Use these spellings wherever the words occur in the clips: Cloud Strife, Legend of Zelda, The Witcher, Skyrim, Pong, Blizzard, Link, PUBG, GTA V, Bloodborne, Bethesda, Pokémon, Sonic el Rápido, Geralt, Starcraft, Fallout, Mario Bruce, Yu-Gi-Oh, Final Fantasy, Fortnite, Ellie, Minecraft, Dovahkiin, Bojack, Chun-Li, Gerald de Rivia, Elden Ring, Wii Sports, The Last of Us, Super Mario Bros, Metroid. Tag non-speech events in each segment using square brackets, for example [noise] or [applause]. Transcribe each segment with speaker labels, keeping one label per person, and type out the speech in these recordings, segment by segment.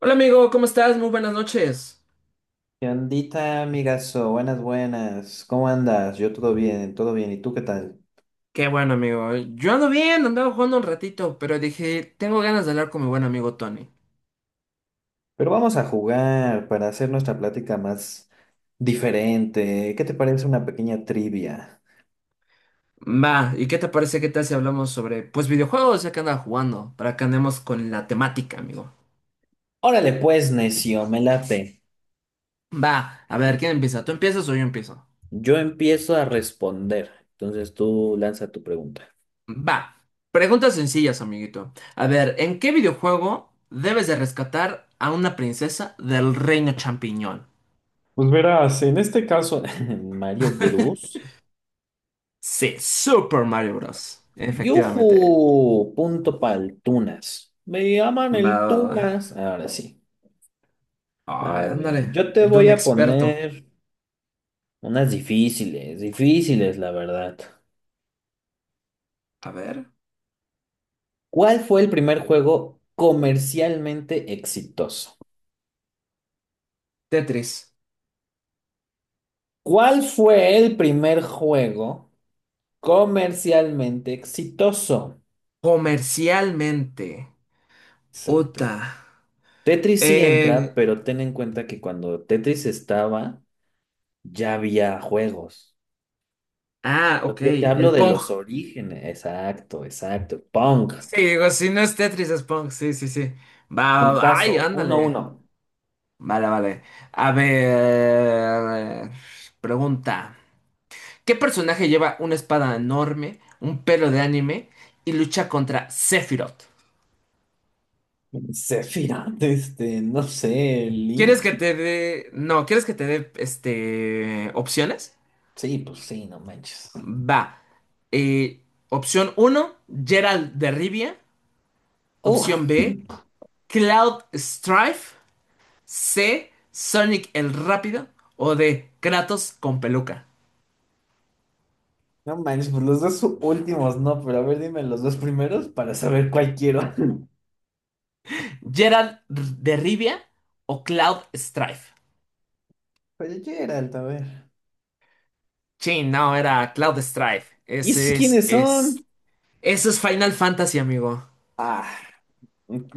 Speaker 1: Hola amigo, ¿cómo estás? Muy buenas noches.
Speaker 2: ¿Qué ondita, amigazo? Buenas, buenas. ¿Cómo andas? Yo todo bien, todo bien. ¿Y tú qué tal?
Speaker 1: Qué bueno amigo. Yo ando bien, andaba jugando un ratito, pero dije, tengo ganas de hablar con mi buen amigo Tony.
Speaker 2: Pero vamos a jugar para hacer nuestra plática más diferente. ¿Qué te parece una pequeña trivia?
Speaker 1: Va, ¿y qué te parece? ¿Qué tal si hablamos sobre, pues, videojuegos ya que andaba jugando? Para que andemos con la temática, amigo.
Speaker 2: Órale pues, necio, me late.
Speaker 1: Va, a ver, ¿quién empieza? ¿Tú empiezas o yo empiezo?
Speaker 2: Yo empiezo a responder. Entonces tú lanza tu pregunta.
Speaker 1: Va. Preguntas sencillas, amiguito. A ver, ¿en qué videojuego debes de rescatar a una princesa del reino champiñón?
Speaker 2: Pues verás, en este caso, [laughs] Mario Bruce.
Speaker 1: Sí, Super Mario Bros. Efectivamente.
Speaker 2: ¡Yujú! Punto pa'l Tunas. Me llaman el
Speaker 1: Va, va, va.
Speaker 2: Tunas. Ahora sí.
Speaker 1: Ay,
Speaker 2: A ver,
Speaker 1: ándale,
Speaker 2: yo te
Speaker 1: el don
Speaker 2: voy a
Speaker 1: experto.
Speaker 2: poner unas difíciles, difíciles, la verdad.
Speaker 1: A ver,
Speaker 2: ¿Cuál fue el primer juego comercialmente exitoso?
Speaker 1: Tetris.
Speaker 2: ¿Cuál fue el primer juego comercialmente exitoso?
Speaker 1: Comercialmente.
Speaker 2: Exacto.
Speaker 1: Ota.
Speaker 2: Tetris sí entra,
Speaker 1: Eh,
Speaker 2: pero ten en cuenta que cuando Tetris estaba, ya había juegos. Yo
Speaker 1: ok,
Speaker 2: yo te hablo
Speaker 1: el
Speaker 2: de
Speaker 1: Pong.
Speaker 2: los orígenes. Exacto, exacto. Pong.
Speaker 1: Sí, digo, si no es Tetris, es Pong. Sí, sí, sí. Va, va, ay,
Speaker 2: Puntazo. uno
Speaker 1: ándale.
Speaker 2: uno.
Speaker 1: Vale, vale. A ver, pregunta. ¿Qué personaje lleva una espada enorme, un pelo de anime y lucha contra Sephiroth?
Speaker 2: [laughs] Sefira. Este, no sé, Link.
Speaker 1: ¿Quieres que te dé... No, ¿quieres que te dé, este, opciones?
Speaker 2: Sí, pues sí, no manches.
Speaker 1: Va. Eh, opción uno, Gerald de Rivia.
Speaker 2: Oh,
Speaker 1: Opción
Speaker 2: [laughs]
Speaker 1: B, Cloud Strife. C, Sonic el Rápido. O D, Kratos con peluca.
Speaker 2: no manches, pues los dos últimos no, pero a ver, dime los dos primeros para saber cuál quiero.
Speaker 1: Gerald de Rivia o Cloud Strife.
Speaker 2: [laughs] Oye, Geralt, a ver.
Speaker 1: Sí, no, era Cloud Strife.
Speaker 2: ¿Y esos
Speaker 1: Ese
Speaker 2: quiénes
Speaker 1: es,
Speaker 2: son?
Speaker 1: eso es Final Fantasy, amigo.
Speaker 2: Ah,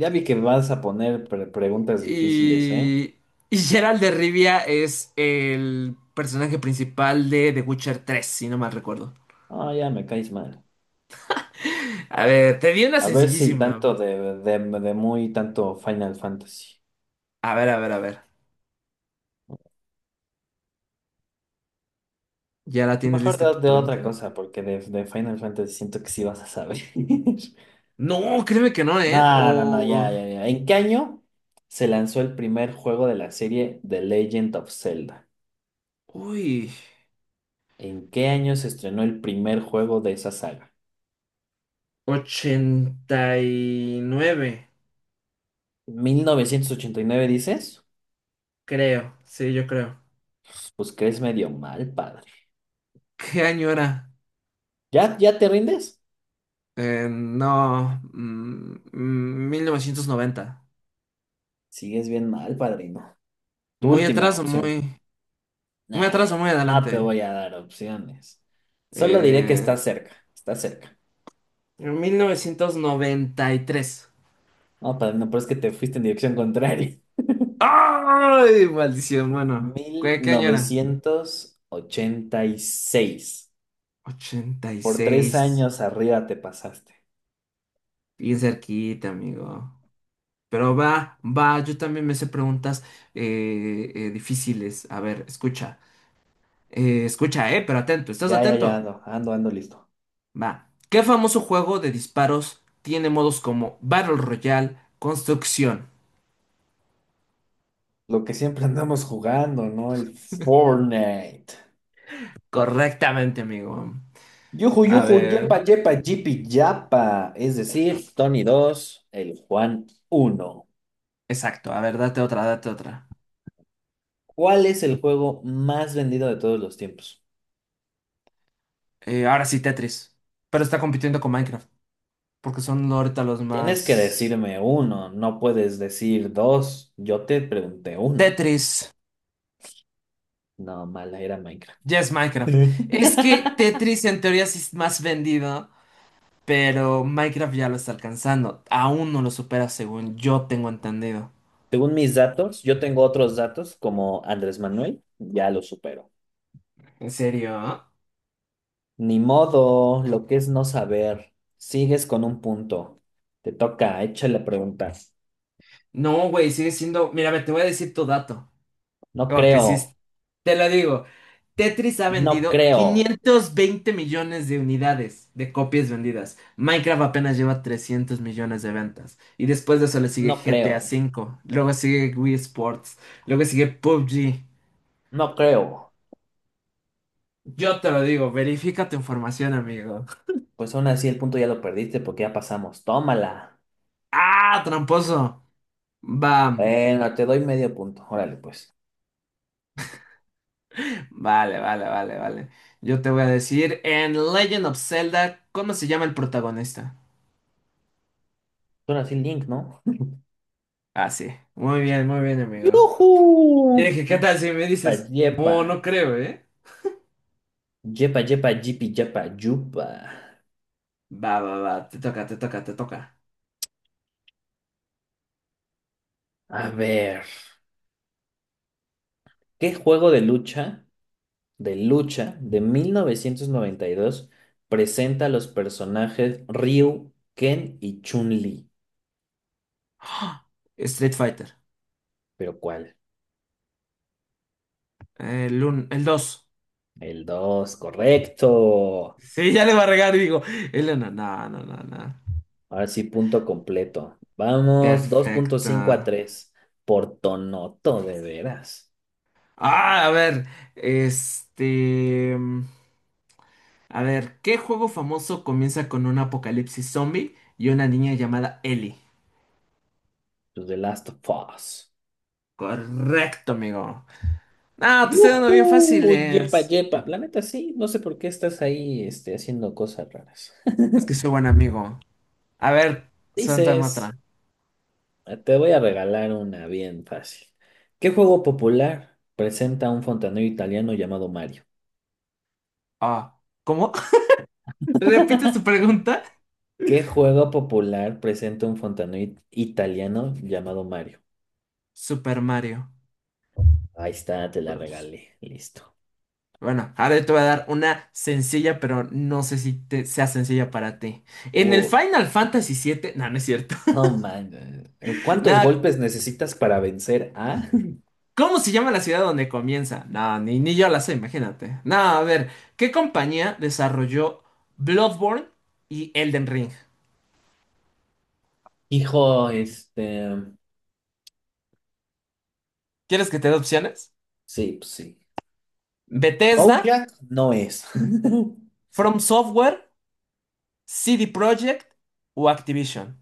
Speaker 2: ya vi que me vas a poner preguntas difíciles, ¿eh?
Speaker 1: Y, y Gerald de Rivia es el personaje principal de The Witcher 3, si no mal recuerdo.
Speaker 2: Ah, ya me caes mal.
Speaker 1: A ver, te di una
Speaker 2: A ver si
Speaker 1: sencillísima.
Speaker 2: tanto de muy tanto Final Fantasy.
Speaker 1: A ver, a ver, a ver. ¿Ya la tienes
Speaker 2: Mejor
Speaker 1: lista tu
Speaker 2: de otra
Speaker 1: pregunta?
Speaker 2: cosa, porque de Final Fantasy siento que sí vas a saber. [laughs]
Speaker 1: No, créeme que no, ¿eh?
Speaker 2: No, no, no,
Speaker 1: O...
Speaker 2: ya, ya, ya. ¿En qué año se lanzó el primer juego de la serie The Legend of Zelda?
Speaker 1: Uy.
Speaker 2: ¿En qué año se estrenó el primer juego de esa saga?
Speaker 1: 89,
Speaker 2: ¿1989 dices?
Speaker 1: creo. Sí, yo creo.
Speaker 2: Pues crees medio mal, padre.
Speaker 1: ¿Qué año era?
Speaker 2: ¿Ya, ya te rindes?
Speaker 1: No. 1990.
Speaker 2: Sigues bien mal, padrino. Tu
Speaker 1: Muy
Speaker 2: última
Speaker 1: atrás o
Speaker 2: opción.
Speaker 1: muy... Muy
Speaker 2: Nah,
Speaker 1: atrás o muy
Speaker 2: no te
Speaker 1: adelante.
Speaker 2: voy a dar opciones. Solo diré que está
Speaker 1: Eh,
Speaker 2: cerca, está cerca.
Speaker 1: 1993.
Speaker 2: No, padrino, pero es que te fuiste en dirección contraria.
Speaker 1: ¡Ay! Maldición, bueno.
Speaker 2: Mil
Speaker 1: ¿Qué, qué año era?
Speaker 2: novecientos ochenta y seis.
Speaker 1: ochenta y
Speaker 2: Por tres
Speaker 1: seis
Speaker 2: años arriba te pasaste.
Speaker 1: Bien cerquita, amigo. Pero va, va, yo también me sé preguntas difíciles. A ver, escucha. Escucha, pero atento, ¿estás
Speaker 2: Ya, ya, ya
Speaker 1: atento?
Speaker 2: ando, ando, ando listo.
Speaker 1: Va. ¿Qué famoso juego de disparos tiene modos como Battle Royale, Construcción?
Speaker 2: Lo que siempre andamos jugando, ¿no? El Fortnite.
Speaker 1: Correctamente, amigo.
Speaker 2: Yuju,
Speaker 1: A
Speaker 2: yuju,
Speaker 1: ver.
Speaker 2: yepa, yepa, yipi, yapa. Es decir, Tony 2, el Juan uno.
Speaker 1: Exacto, a ver, date otra, date otra.
Speaker 2: ¿Cuál es el juego más vendido de todos los tiempos?
Speaker 1: Ahora sí, Tetris. Pero está compitiendo con Minecraft, porque son ahorita los
Speaker 2: Tienes que
Speaker 1: más...
Speaker 2: decirme uno, no puedes decir dos. Yo te pregunté uno.
Speaker 1: Tetris.
Speaker 2: No, mala, era Minecraft.
Speaker 1: Ya es Minecraft. Es que
Speaker 2: [laughs]
Speaker 1: Tetris en teoría sí es más vendido, pero Minecraft ya lo está alcanzando. Aún no lo supera según yo tengo entendido.
Speaker 2: Según mis datos, yo tengo otros datos como Andrés Manuel, ya lo supero.
Speaker 1: ¿En serio?
Speaker 2: Ni modo, lo que es no saber. Sigues con un punto. Te toca, échale preguntas.
Speaker 1: No, güey, sigue siendo... Mírame, te voy a decir tu dato.
Speaker 2: No
Speaker 1: Porque si
Speaker 2: creo,
Speaker 1: es- te lo digo, Tetris ha
Speaker 2: no
Speaker 1: vendido
Speaker 2: creo,
Speaker 1: 520 millones de unidades de copias vendidas. Minecraft apenas lleva 300 millones de ventas. Y después de eso le sigue
Speaker 2: no
Speaker 1: GTA
Speaker 2: creo,
Speaker 1: V, luego sigue Wii Sports, luego sigue PUBG.
Speaker 2: no creo.
Speaker 1: Yo te lo digo, verifica tu información, amigo.
Speaker 2: Pues aún así el punto ya lo perdiste porque ya pasamos. Tómala.
Speaker 1: ¡Ah, tramposo! Bam.
Speaker 2: Bueno, te doy medio punto. Órale, pues.
Speaker 1: Vale, vale, vale, vale. Yo te voy a decir, en Legend of Zelda, ¿cómo se llama el protagonista?
Speaker 2: Ahora así Link, ¿no?
Speaker 1: Ah, sí. Muy bien, amigo.
Speaker 2: ¡Yujú!
Speaker 1: Yo dije, ¿qué tal si me
Speaker 2: Yepa,
Speaker 1: dices?
Speaker 2: yepa.
Speaker 1: No, no creo, ¿eh?
Speaker 2: Yepa, yepa, yipi, yepa, yupa.
Speaker 1: Va, va, va. Te toca, te toca, te toca.
Speaker 2: A ver. ¿Qué juego de lucha? De 1992 presenta a los personajes Ryu, Ken y Chun-Li?
Speaker 1: [gasps] ¡Ah! Street Fighter.
Speaker 2: ¿Pero cuál?
Speaker 1: El uno, el 2.
Speaker 2: El 2 correcto.
Speaker 1: Sí, ya le va a regar, digo. El 1. No, no, no, no.
Speaker 2: Ahora sí, punto completo. Vamos, dos punto
Speaker 1: Perfecto.
Speaker 2: cinco a tres. Por Tonoto, de veras.
Speaker 1: Ah, a ver, este... A ver, ¿qué juego famoso comienza con un apocalipsis zombie y una niña llamada Ellie?
Speaker 2: To The Last of Us.
Speaker 1: Correcto, amigo. No, te estoy dando bien
Speaker 2: ¡Yujú! Yepa,
Speaker 1: fáciles.
Speaker 2: yepa. La neta, sí. No sé por qué estás ahí este, haciendo cosas raras.
Speaker 1: Es que soy buen amigo. A ver,
Speaker 2: [laughs]
Speaker 1: suéltame
Speaker 2: Dices.
Speaker 1: otra.
Speaker 2: Te voy a regalar una bien fácil. ¿Qué juego popular presenta un fontanero italiano llamado Mario?
Speaker 1: Ah, ¿cómo? [laughs] ¿Repite su pregunta?
Speaker 2: ¿Qué juego popular presenta un fontanero italiano llamado Mario?
Speaker 1: Super Mario
Speaker 2: Ahí está, te la
Speaker 1: Bros.
Speaker 2: regalé. Listo.
Speaker 1: Bueno, ahora yo te voy a dar una sencilla, pero no sé si sea sencilla para ti. En el
Speaker 2: Uh,
Speaker 1: Final Fantasy 7, no, no es cierto.
Speaker 2: oh man.
Speaker 1: [laughs]
Speaker 2: ¿Cuántos
Speaker 1: Nada.
Speaker 2: golpes necesitas para vencer a? [laughs]
Speaker 1: ¿Cómo se llama la ciudad donde comienza? No, ni yo la sé, imagínate. No, a ver, ¿qué compañía desarrolló Bloodborne y Elden Ring?
Speaker 2: Hijo, este.
Speaker 1: ¿Quieres que te dé opciones?
Speaker 2: Sí, pues sí.
Speaker 1: ¿Bethesda,
Speaker 2: Bojack no es.
Speaker 1: From Software, CD Projekt o Activision?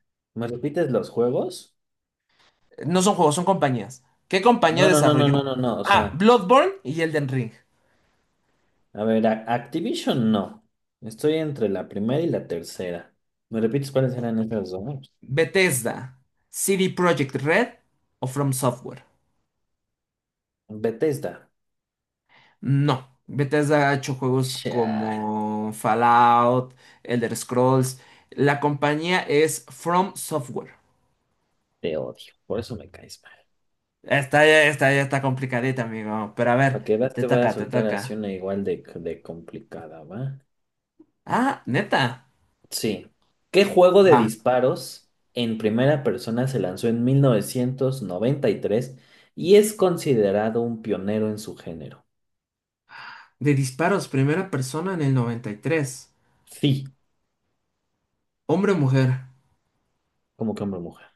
Speaker 2: [laughs] ¿Me repites los juegos?
Speaker 1: No son juegos, son compañías. ¿Qué compañía
Speaker 2: No, no, no, no,
Speaker 1: desarrolló?
Speaker 2: no, no, no. O
Speaker 1: Ah,
Speaker 2: sea.
Speaker 1: Bloodborne y Elden Ring.
Speaker 2: A ver, Activision no. Estoy entre la primera y la tercera. ¿Me repites cuáles eran esas dos?
Speaker 1: ¿Bethesda, CD Projekt Red o From Software?
Speaker 2: Bethesda.
Speaker 1: No, Bethesda ha hecho juegos
Speaker 2: Chale,
Speaker 1: como Fallout, Elder Scrolls. La compañía es From Software.
Speaker 2: te odio. Por eso me caes mal.
Speaker 1: Esta ya está complicadita, amigo. Pero a ver,
Speaker 2: Para que veas,
Speaker 1: te
Speaker 2: te voy a
Speaker 1: toca, te
Speaker 2: soltar así
Speaker 1: toca.
Speaker 2: una igual de complicada, ¿va?
Speaker 1: Ah, neta.
Speaker 2: Sí. ¿Qué juego de
Speaker 1: Va.
Speaker 2: disparos en primera persona se lanzó en 1993 y tres y es considerado un pionero en su género?
Speaker 1: De disparos, primera persona en el 93.
Speaker 2: Sí.
Speaker 1: Hombre o mujer.
Speaker 2: ¿Cómo que hombre o mujer?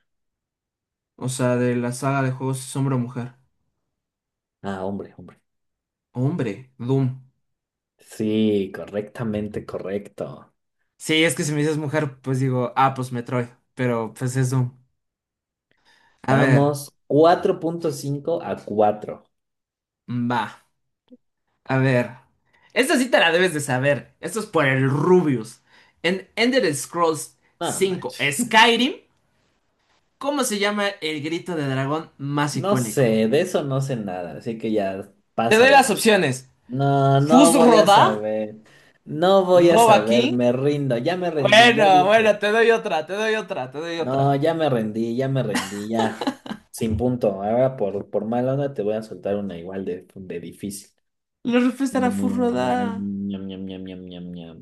Speaker 1: O sea, de la saga de juegos es hombre o mujer.
Speaker 2: Ah, hombre, hombre.
Speaker 1: Hombre, Doom.
Speaker 2: Sí, correctamente correcto.
Speaker 1: Sí, es que si me dices mujer, pues digo, ah, pues Metroid. Pero pues es Doom. A ver,
Speaker 2: Vamos, cuatro punto cinco a cuatro.
Speaker 1: va. A ver. Esta sí te la debes de saber. Esto es por el Rubius. En Ender Scrolls
Speaker 2: No
Speaker 1: 5,
Speaker 2: manches.
Speaker 1: Skyrim, ¿cómo se llama el grito de dragón más
Speaker 2: No
Speaker 1: icónico?
Speaker 2: sé, de eso no sé nada, así que ya
Speaker 1: Te doy las
Speaker 2: pásala.
Speaker 1: opciones.
Speaker 2: No, no voy a
Speaker 1: Fusroda,
Speaker 2: saber. No voy a saber,
Speaker 1: Dovahkiin.
Speaker 2: me rindo, ya me rendí, ya
Speaker 1: Bueno, bueno,
Speaker 2: dije.
Speaker 1: te doy otra, te doy otra, te doy
Speaker 2: No,
Speaker 1: otra.
Speaker 2: ya me rendí, ya me rendí, ya. Sin punto. Ahora por mala onda te voy a soltar una igual de difícil.
Speaker 1: La respuesta era
Speaker 2: Mm, ñam,
Speaker 1: Fusroda.
Speaker 2: ñam, ñam, ñam, ñam, ñam.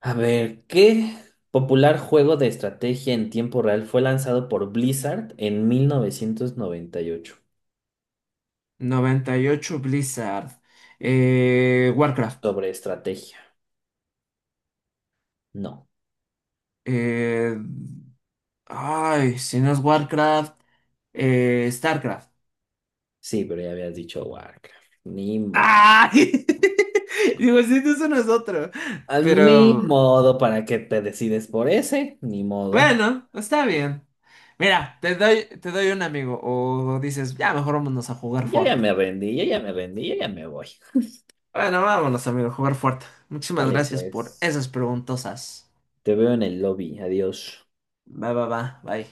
Speaker 2: A ver, ¿qué popular juego de estrategia en tiempo real fue lanzado por Blizzard en 1998?
Speaker 1: 98, Blizzard. Warcraft.
Speaker 2: Sobre estrategia. No.
Speaker 1: Eh, ay, si no es Warcraft, Starcraft.
Speaker 2: Sí, pero ya habías dicho Warcraft. Ni modo.
Speaker 1: ¡Ay! [laughs] Digo, sí, eso no es otro.
Speaker 2: A, ni
Speaker 1: Pero
Speaker 2: modo para que te decides por ese. Ni modo.
Speaker 1: bueno, está bien. Mira, te doy un amigo. O dices, ya mejor vámonos a jugar
Speaker 2: Yo ya
Speaker 1: Fort.
Speaker 2: me rendí, yo ya me rendí, yo ya me voy.
Speaker 1: Bueno, vámonos, amigo, a jugar Fort. Muchísimas
Speaker 2: Dale
Speaker 1: gracias por
Speaker 2: pues.
Speaker 1: esas preguntosas.
Speaker 2: Te veo en el lobby. Adiós.
Speaker 1: Va, va, va, bye.